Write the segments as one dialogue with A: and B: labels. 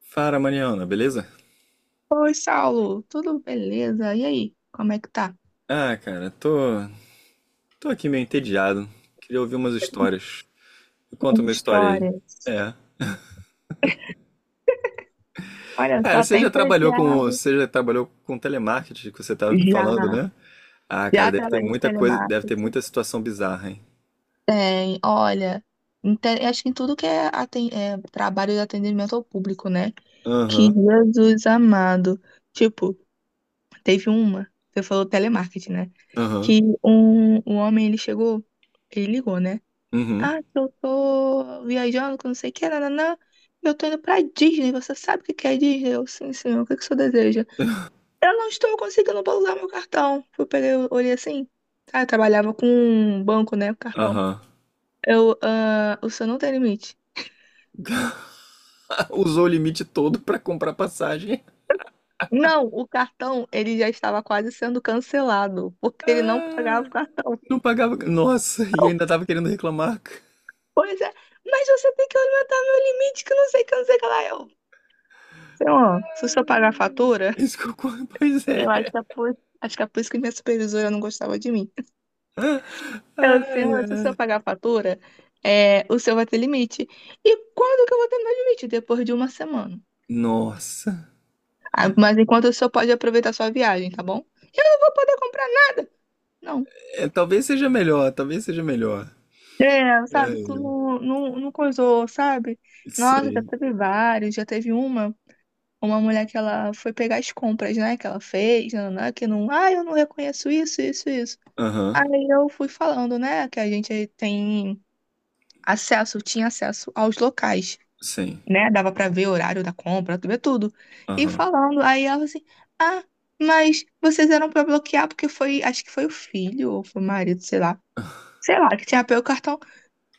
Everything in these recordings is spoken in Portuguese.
A: Fala, Mariana, beleza?
B: Oi, Saulo, tudo beleza? E aí, como é que tá?
A: Ah, cara, tô aqui meio entediado. Queria ouvir umas histórias. Me Conta
B: As
A: uma história aí.
B: histórias.
A: É.
B: Olha
A: Cara,
B: só, tem estagiário.
A: você já trabalhou com telemarketing que você tava me
B: Já,
A: falando, né? Ah, cara,
B: já, trabalhei de
A: deve ter
B: telemarketing.
A: muita situação bizarra, hein?
B: Tem, olha, acho que em tudo que é, é trabalho de atendimento ao público, né? Que
A: Aham,
B: Jesus amado. Tipo, teve uma, você falou telemarketing, né?
A: aham,
B: Que um homem, ele chegou, ele ligou, né?
A: uhum,
B: Ah, que eu tô viajando, que não sei o que, nananã. Eu tô indo pra Disney. Você sabe o que que é Disney? Eu, sim, senhor. O que que o senhor deseja? Eu não estou conseguindo usar meu cartão. Eu peguei, eu olhei assim. Ah, eu trabalhava com um banco, né? Com cartão.
A: aham.
B: Eu, ah, o senhor não tem limite.
A: Usou o limite todo pra comprar passagem.
B: Não, o cartão, ele já estava quase sendo cancelado, porque ele não pagava o
A: Ah,
B: cartão.
A: não pagava. Nossa, e
B: Eu,
A: ainda tava querendo reclamar.
B: pois é, mas você tem que aumentar meu limite, que não sei o que, não sei o que lá. Eu, senhor, se o senhor pagar a fatura.
A: Isso que eu... Pois é.
B: Eu acho que é acho que é por isso que minha supervisora não gostava de mim. Ela,
A: Ai,
B: senhora, se o senhor
A: ai.
B: pagar a fatura, é, o senhor vai ter limite. E quando que eu vou ter meu limite? Depois de uma semana.
A: Nossa.
B: Ah, mas enquanto o senhor pode aproveitar sua viagem, tá bom? Eu não vou poder comprar nada. Não.
A: É, talvez seja melhor.
B: É, sabe, tu
A: Ai,
B: não coisou, sabe? Nossa, já
A: sim.
B: teve vários, já teve uma mulher que ela foi pegar as compras, né, que ela fez, nananã, que não, ah, eu não reconheço isso.
A: Aham.
B: Aí eu fui falando, né, que a gente tem acesso, tinha acesso aos locais,
A: Sim.
B: né? Dava pra ver o horário da compra, ver tudo. E
A: Aham.
B: falando, aí ela assim, ah, mas vocês eram pra bloquear porque foi, acho que foi o filho ou foi o marido, sei lá. Sei lá, que tinha pego o cartão.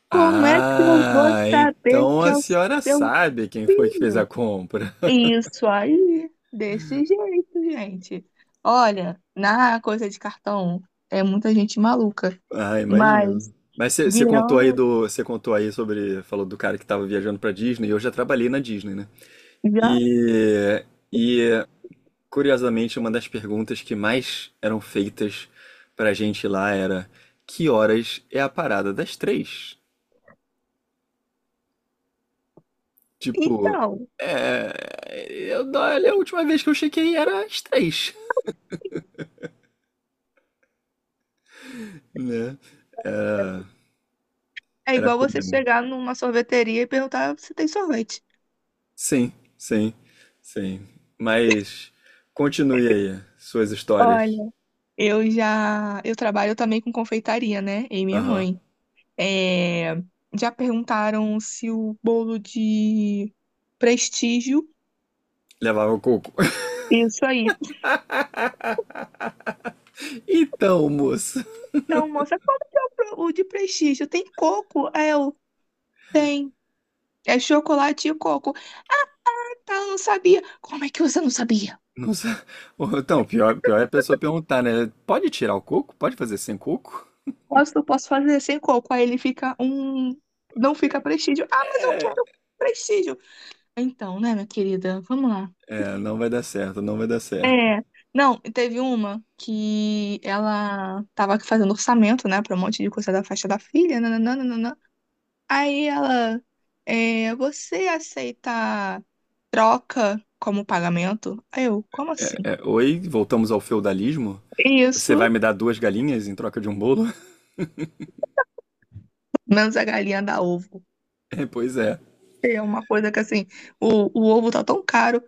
B: Como é que eu vou
A: Ah,
B: saber
A: então
B: que
A: a
B: é o
A: senhora
B: seu
A: sabe quem foi que fez a
B: filho?
A: compra.
B: Isso aí, desse jeito, gente. Olha, na coisa de cartão é muita gente maluca,
A: Ah,
B: mas
A: imagino. Mas
B: virando
A: você contou aí sobre, falou do cara que tava viajando pra Disney, e eu já trabalhei na Disney, né?
B: já.
A: E, e curiosamente, uma das perguntas que mais eram feitas pra gente lá era: que horas é a parada das 3? Tipo,
B: Então,
A: é, eu, olha, a última vez que eu chequei era às 3, né? Era,
B: é
A: era
B: igual você
A: comum.
B: chegar numa sorveteria e perguntar se tem sorvete.
A: Sim, sim, sim. Mas continue aí suas
B: Olha,
A: histórias.
B: eu já, eu trabalho também com confeitaria, né? E minha
A: Aham.
B: mãe. É, já perguntaram se o bolo de prestígio.
A: Levava coco.
B: Isso aí.
A: Então, moça.
B: Então, moça, como que é o de prestígio? Tem coco? É, eu tem. É chocolate e coco. Tá, eu não sabia. Como é que você não sabia?
A: Não sei. Então, pior é a pessoa perguntar, né? Pode tirar o coco? Pode fazer sem coco?
B: Posso, fazer sem coco. Aí ele fica um. Não fica prestígio. Ah, mas eu quero prestígio. Então, né, minha querida? Vamos lá.
A: É, não vai dar certo.
B: É. Não, teve uma que ela tava fazendo orçamento, né, pra um monte de coisa da faixa da filha, nananana. Aí ela, é, você aceita troca como pagamento? Aí eu, como assim?
A: É, oi, voltamos ao feudalismo? Você vai
B: Isso,
A: me dar duas galinhas em troca de um bolo?
B: menos a galinha da ovo.
A: É, pois é.
B: É uma coisa que, assim, o ovo tá tão caro.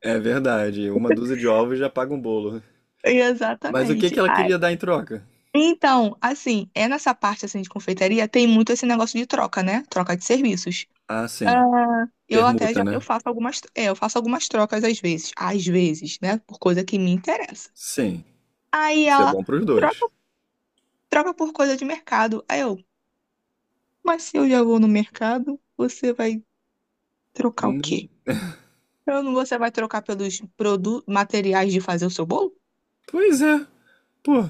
A: É verdade, uma dúzia de ovos já paga um bolo. Mas o que que
B: Exatamente.
A: ela
B: Ai.
A: queria dar em troca?
B: Então, assim, é nessa parte, assim, de confeitaria, tem muito esse negócio de troca, né? Troca de serviços.
A: Ah, sim,
B: Ah, eu até
A: permuta,
B: já eu
A: né?
B: faço algumas, é, eu faço algumas trocas às vezes, né, por coisa que me interessa.
A: Sim, tem
B: Aí
A: que ser
B: ela
A: bom pros
B: troca,
A: dois.
B: troca por coisa de mercado. Aí eu, mas se eu já vou no mercado, você vai trocar o
A: Hum,
B: quê? Eu não, você vai trocar pelos produ materiais de fazer o seu bolo?
A: Pois é, pô,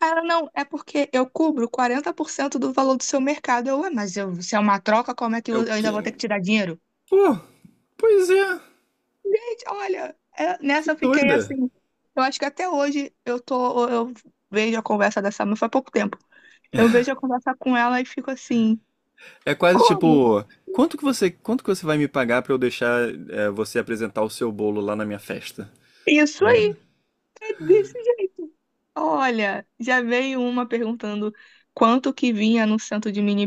B: Aí ela, não, é porque eu cubro 40% do valor do seu mercado. Eu, ué, mas se é uma troca, como é que
A: é
B: eu
A: o
B: eu ainda vou
A: quê?
B: ter que tirar dinheiro?
A: Pô, pois é,
B: Gente, olha,
A: que
B: nessa eu fiquei
A: doida.
B: assim. Eu acho que até hoje eu tô, eu vejo a conversa dessa, mas faz pouco tempo. Eu vejo a conversa com ela e fico assim,
A: É quase
B: como?
A: tipo, quanto que você vai me pagar pra eu deixar é, você apresentar o seu bolo lá na minha festa?
B: Isso aí,
A: Né?
B: é desse jeito. Olha, já veio uma perguntando quanto que vinha no centro de mini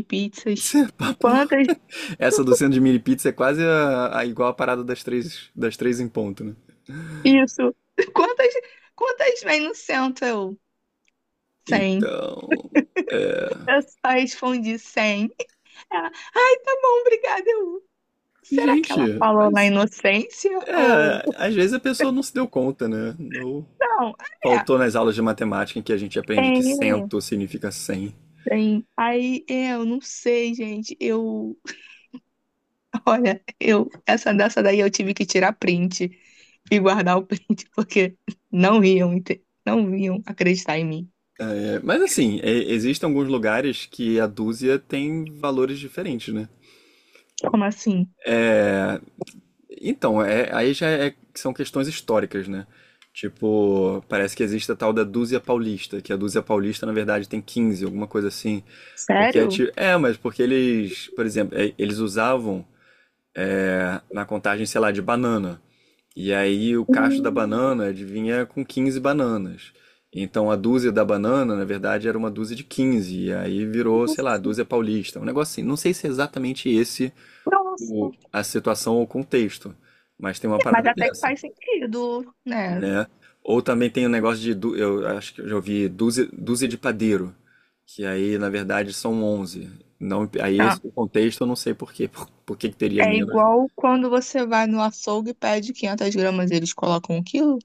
A: Isso
B: pizzas.
A: é papo.
B: Quantas,
A: Essa do centro de mini pizza é quase igual a parada das das 3 em ponto, né?
B: isso, quantas, quantas vem no centro? Eu, 100.
A: Então,
B: Eu só respondi 100. Ela, ai, tá bom, obrigada, eu Será que
A: gente,
B: ela falou na
A: mas
B: inocência? Ou.
A: é, às vezes a pessoa não se deu conta, né? Não
B: Não, é.
A: faltou nas aulas de matemática em que a gente aprende que
B: É,
A: cento significa cem.
B: tem. Aí, é, eu não sei, gente. Eu. Olha, eu. Essa dessa daí eu tive que tirar print e guardar o print, porque não iam, não iam acreditar em mim.
A: É, mas assim, é, existem alguns lugares que a dúzia tem valores diferentes, né?
B: Como assim?
A: Então, é, aí já é- são questões históricas, né? Tipo, parece que existe a tal da dúzia paulista, que a dúzia paulista, na verdade, tem 15 alguma coisa assim. Porque é
B: Sério?
A: tipo. É, mas porque eles, por exemplo, é, eles usavam é, na contagem, sei lá, de banana. E aí o cacho da
B: Hum,
A: banana adivinha é com 15 bananas. Então a dúzia da banana, na verdade, era uma dúzia de 15. E aí virou, sei lá,
B: nossa.
A: dúzia paulista. Um negócio assim. Não sei se é exatamente esse o,
B: Nossa.
A: a situação ou o contexto, mas tem uma
B: É, mas
A: parada
B: até que
A: dessa,
B: faz sentido, né?
A: né? Ou também tem o um negócio de, dú- eu acho que eu já ouvi, dúzia de padeiro. Que aí, na verdade, são 11. Não, aí esse
B: Tá.
A: contexto eu não sei por quê. Por que que teria
B: É
A: menos?
B: igual quando você vai no açougue e pede 500 gramas, eles colocam um quilo.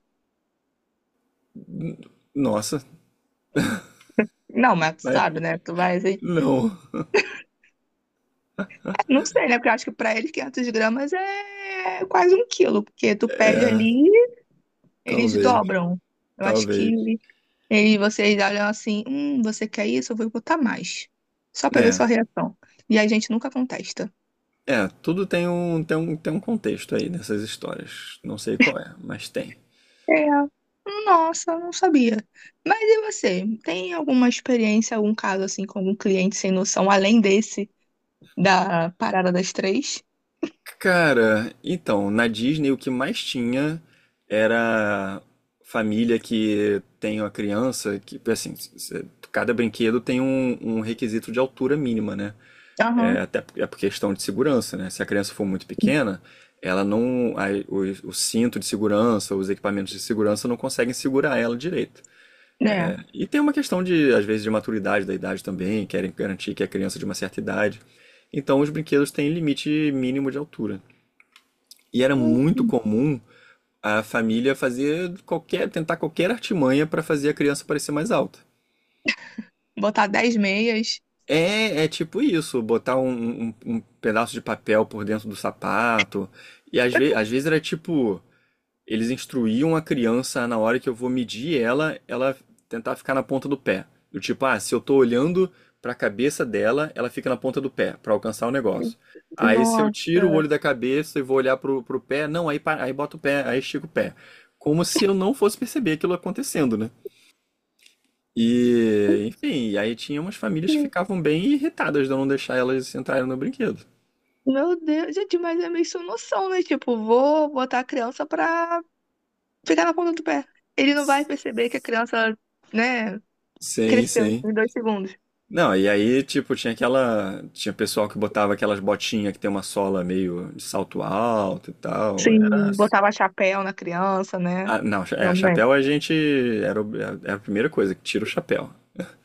A: Nossa,
B: Não, mas tu
A: mas
B: sabe, né? Tu vai assim.
A: não.
B: É, não sei, né? Porque eu acho que pra eles 500 gramas é quase um quilo, porque tu pede
A: É,
B: ali, eles
A: talvez.
B: dobram. Eu acho
A: Talvez.
B: que eles, vocês olham assim: você quer isso? Eu vou botar mais. Só pra ver
A: É.
B: sua reação. E a gente nunca contesta.
A: É, tudo tem um contexto aí nessas histórias. Não sei qual é, mas tem.
B: É. Nossa, não sabia. Mas e você? Tem alguma experiência, algum caso assim com algum cliente sem noção, além desse da parada das três?
A: Cara, então, na Disney o que mais tinha era família que tem uma criança que, assim, c- cada brinquedo tem um requisito de altura mínima, né? É,
B: Aham.
A: até por- é por questão de segurança, né? Se a criança for muito pequena, ela não, a- o cinto de segurança, os equipamentos de segurança não conseguem segurar ela direito.
B: É.
A: E tem uma questão de, às vezes, de maturidade da idade também, querem garantir que é criança é de uma certa idade. Então os brinquedos têm limite mínimo de altura. E era muito comum a família fazer qualquer, tentar qualquer artimanha para fazer a criança parecer mais alta.
B: Botar 10 meias.
A: É, é tipo isso, botar um pedaço de papel por dentro do sapato. E às vezes era tipo. Eles instruíam a criança a, na hora que eu vou medir ela, ela tentar ficar na ponta do pé. Do tipo, ah, se eu tô olhando pra cabeça dela, ela fica na ponta do pé pra alcançar o negócio. Aí se eu
B: Nossa.
A: tiro o olho da cabeça e vou olhar pro pé, não, aí, pa- aí boto o pé, aí estico o pé. Como se eu não fosse perceber aquilo acontecendo, né? E, enfim, aí tinha umas famílias que ficavam bem irritadas de eu não deixar elas entrarem no brinquedo.
B: Meu Deus, gente, mas é meio sem noção, né? Tipo, vou botar a criança pra ficar na ponta do pé. Ele não vai perceber que a criança, né,
A: Sim,
B: cresceu
A: sim.
B: em 2 segundos.
A: Não, e aí, tipo, tinha aquela. Tinha pessoal que botava aquelas botinhas que tem uma sola meio de salto alto e tal. Era.
B: Sim, botava chapéu na criança, né?
A: Ah, não, é,
B: Também.
A: chapéu a gente. Era, o- era a primeira coisa, que tira o chapéu.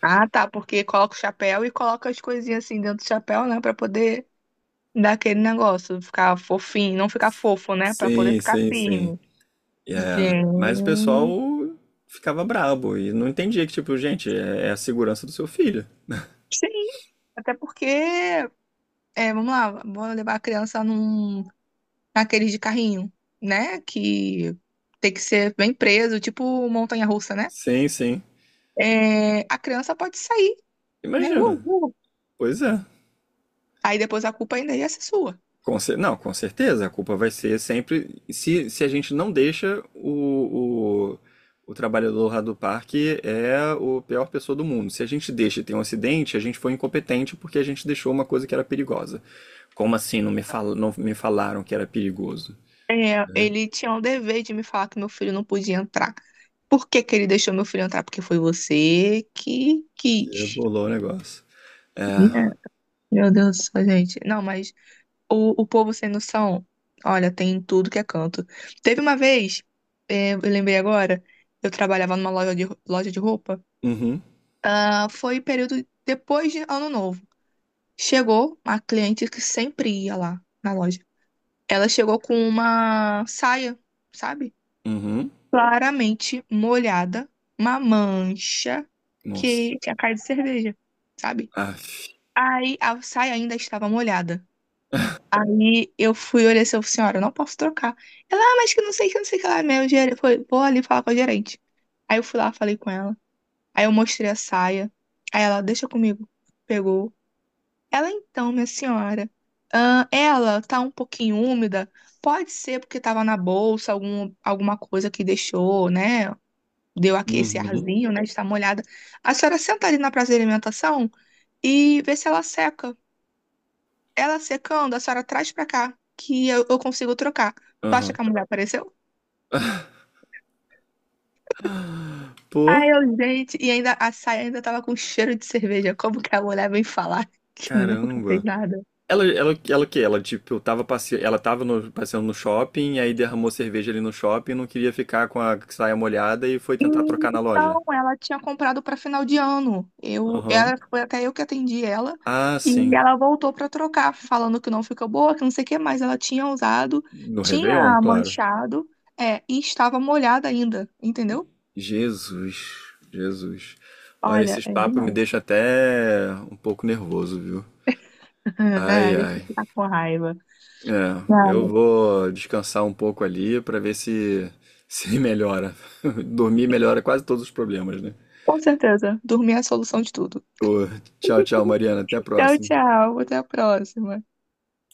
B: Ah, tá, porque coloca o chapéu e coloca as coisinhas assim dentro do chapéu, né, pra poder dar aquele negócio, ficar fofinho, não ficar fofo, né, pra poder
A: Sim,
B: ficar
A: sim, sim.
B: firme.
A: E é, mas o pessoal
B: Gente.
A: ficava brabo e não entendia que, tipo, gente, é, é a segurança do seu filho.
B: Sim, até porque, é, vamos lá, vou levar a criança num aqueles de carrinho, né? Que tem que ser bem preso, tipo montanha-russa, né?
A: Sim, sim.
B: É, a criança pode sair, né?
A: Imagina. Pois é.
B: Aí depois a culpa ainda ia ser sua.
A: Com cer- não, com certeza, a culpa vai ser sempre. Se a gente não deixa o trabalhador lá do parque é o pior pessoa do mundo. Se a gente deixa e tem um acidente, a gente foi incompetente porque a gente deixou uma coisa que era perigosa. Como assim não me, fal, não me falaram que era perigoso?
B: É,
A: Né?
B: ele tinha o dever de me falar que meu filho não podia entrar. Por que que ele deixou meu filho entrar? Porque foi você que
A: Que
B: quis.
A: bolou o negócio. É.
B: Né? Meu Deus do céu, gente. Não, mas o povo sem noção, olha, tem em tudo que é canto. Teve uma vez, é, eu lembrei agora, eu trabalhava numa loja de roupa.
A: Uhum.
B: Ah, foi período depois de Ano Novo. Chegou a cliente que sempre ia lá na loja. Ela chegou com uma saia, sabe?
A: Uhum.
B: Claramente molhada, uma mancha
A: Nossa.
B: que tinha cara de cerveja, sabe?
A: Aff.
B: Aí a saia ainda estava molhada. Aí eu fui olhar assim, eu falei, senhora, eu não posso trocar. Ela, ah, mas que não sei que, não sei que lá, meu gerente. Foi, vou ali falar com a gerente. Aí eu fui lá, falei com ela. Aí eu mostrei a saia. Aí ela, deixa comigo. Pegou ela então, minha senhora, ela tá um pouquinho úmida, pode ser porque tava na bolsa, algum, alguma coisa que deixou, né? Deu aqui esse
A: Uhum.
B: arzinho, né? Está molhada. A senhora senta ali na praça de alimentação e vê se ela seca. Ela secando, a senhora traz pra cá, que eu consigo trocar. Tu acha
A: Aham.
B: que a mulher apareceu?
A: Pô.
B: Ai, eu, gente, e ainda a saia ainda tava com cheiro de cerveja. Como que a mulher vem falar que nunca fez
A: Caramba.
B: nada?
A: Ela o quê? Ela, tipo, tava passe... ela tava no- passeando no shopping, aí derramou cerveja ali no shopping, não queria ficar com a saia molhada e foi tentar
B: Hum,
A: trocar na loja.
B: Não, ela tinha comprado para final de ano. Eu,
A: Aham.
B: ela, foi até eu que atendi ela
A: Ah,
B: e
A: sim.
B: ela voltou para trocar, falando que não ficou boa, que não sei o que mais. Ela tinha usado,
A: No Réveillon,
B: tinha
A: claro.
B: manchado, é, e estava molhada ainda, entendeu?
A: Jesus, Jesus. Olha,
B: Olha,
A: esses
B: é
A: papos me
B: demais.
A: deixam até um pouco nervoso, viu?
B: Né?
A: Ai,
B: A gente
A: ai.
B: fica com raiva.
A: É, eu
B: Não,
A: vou descansar um pouco ali pra ver se se melhora. Dormir melhora quase todos os problemas, né?
B: com certeza, dormir é a solução de tudo.
A: Ô, tchau, tchau, Mariana. Até a
B: Tchau,
A: próxima.
B: tchau, até a próxima.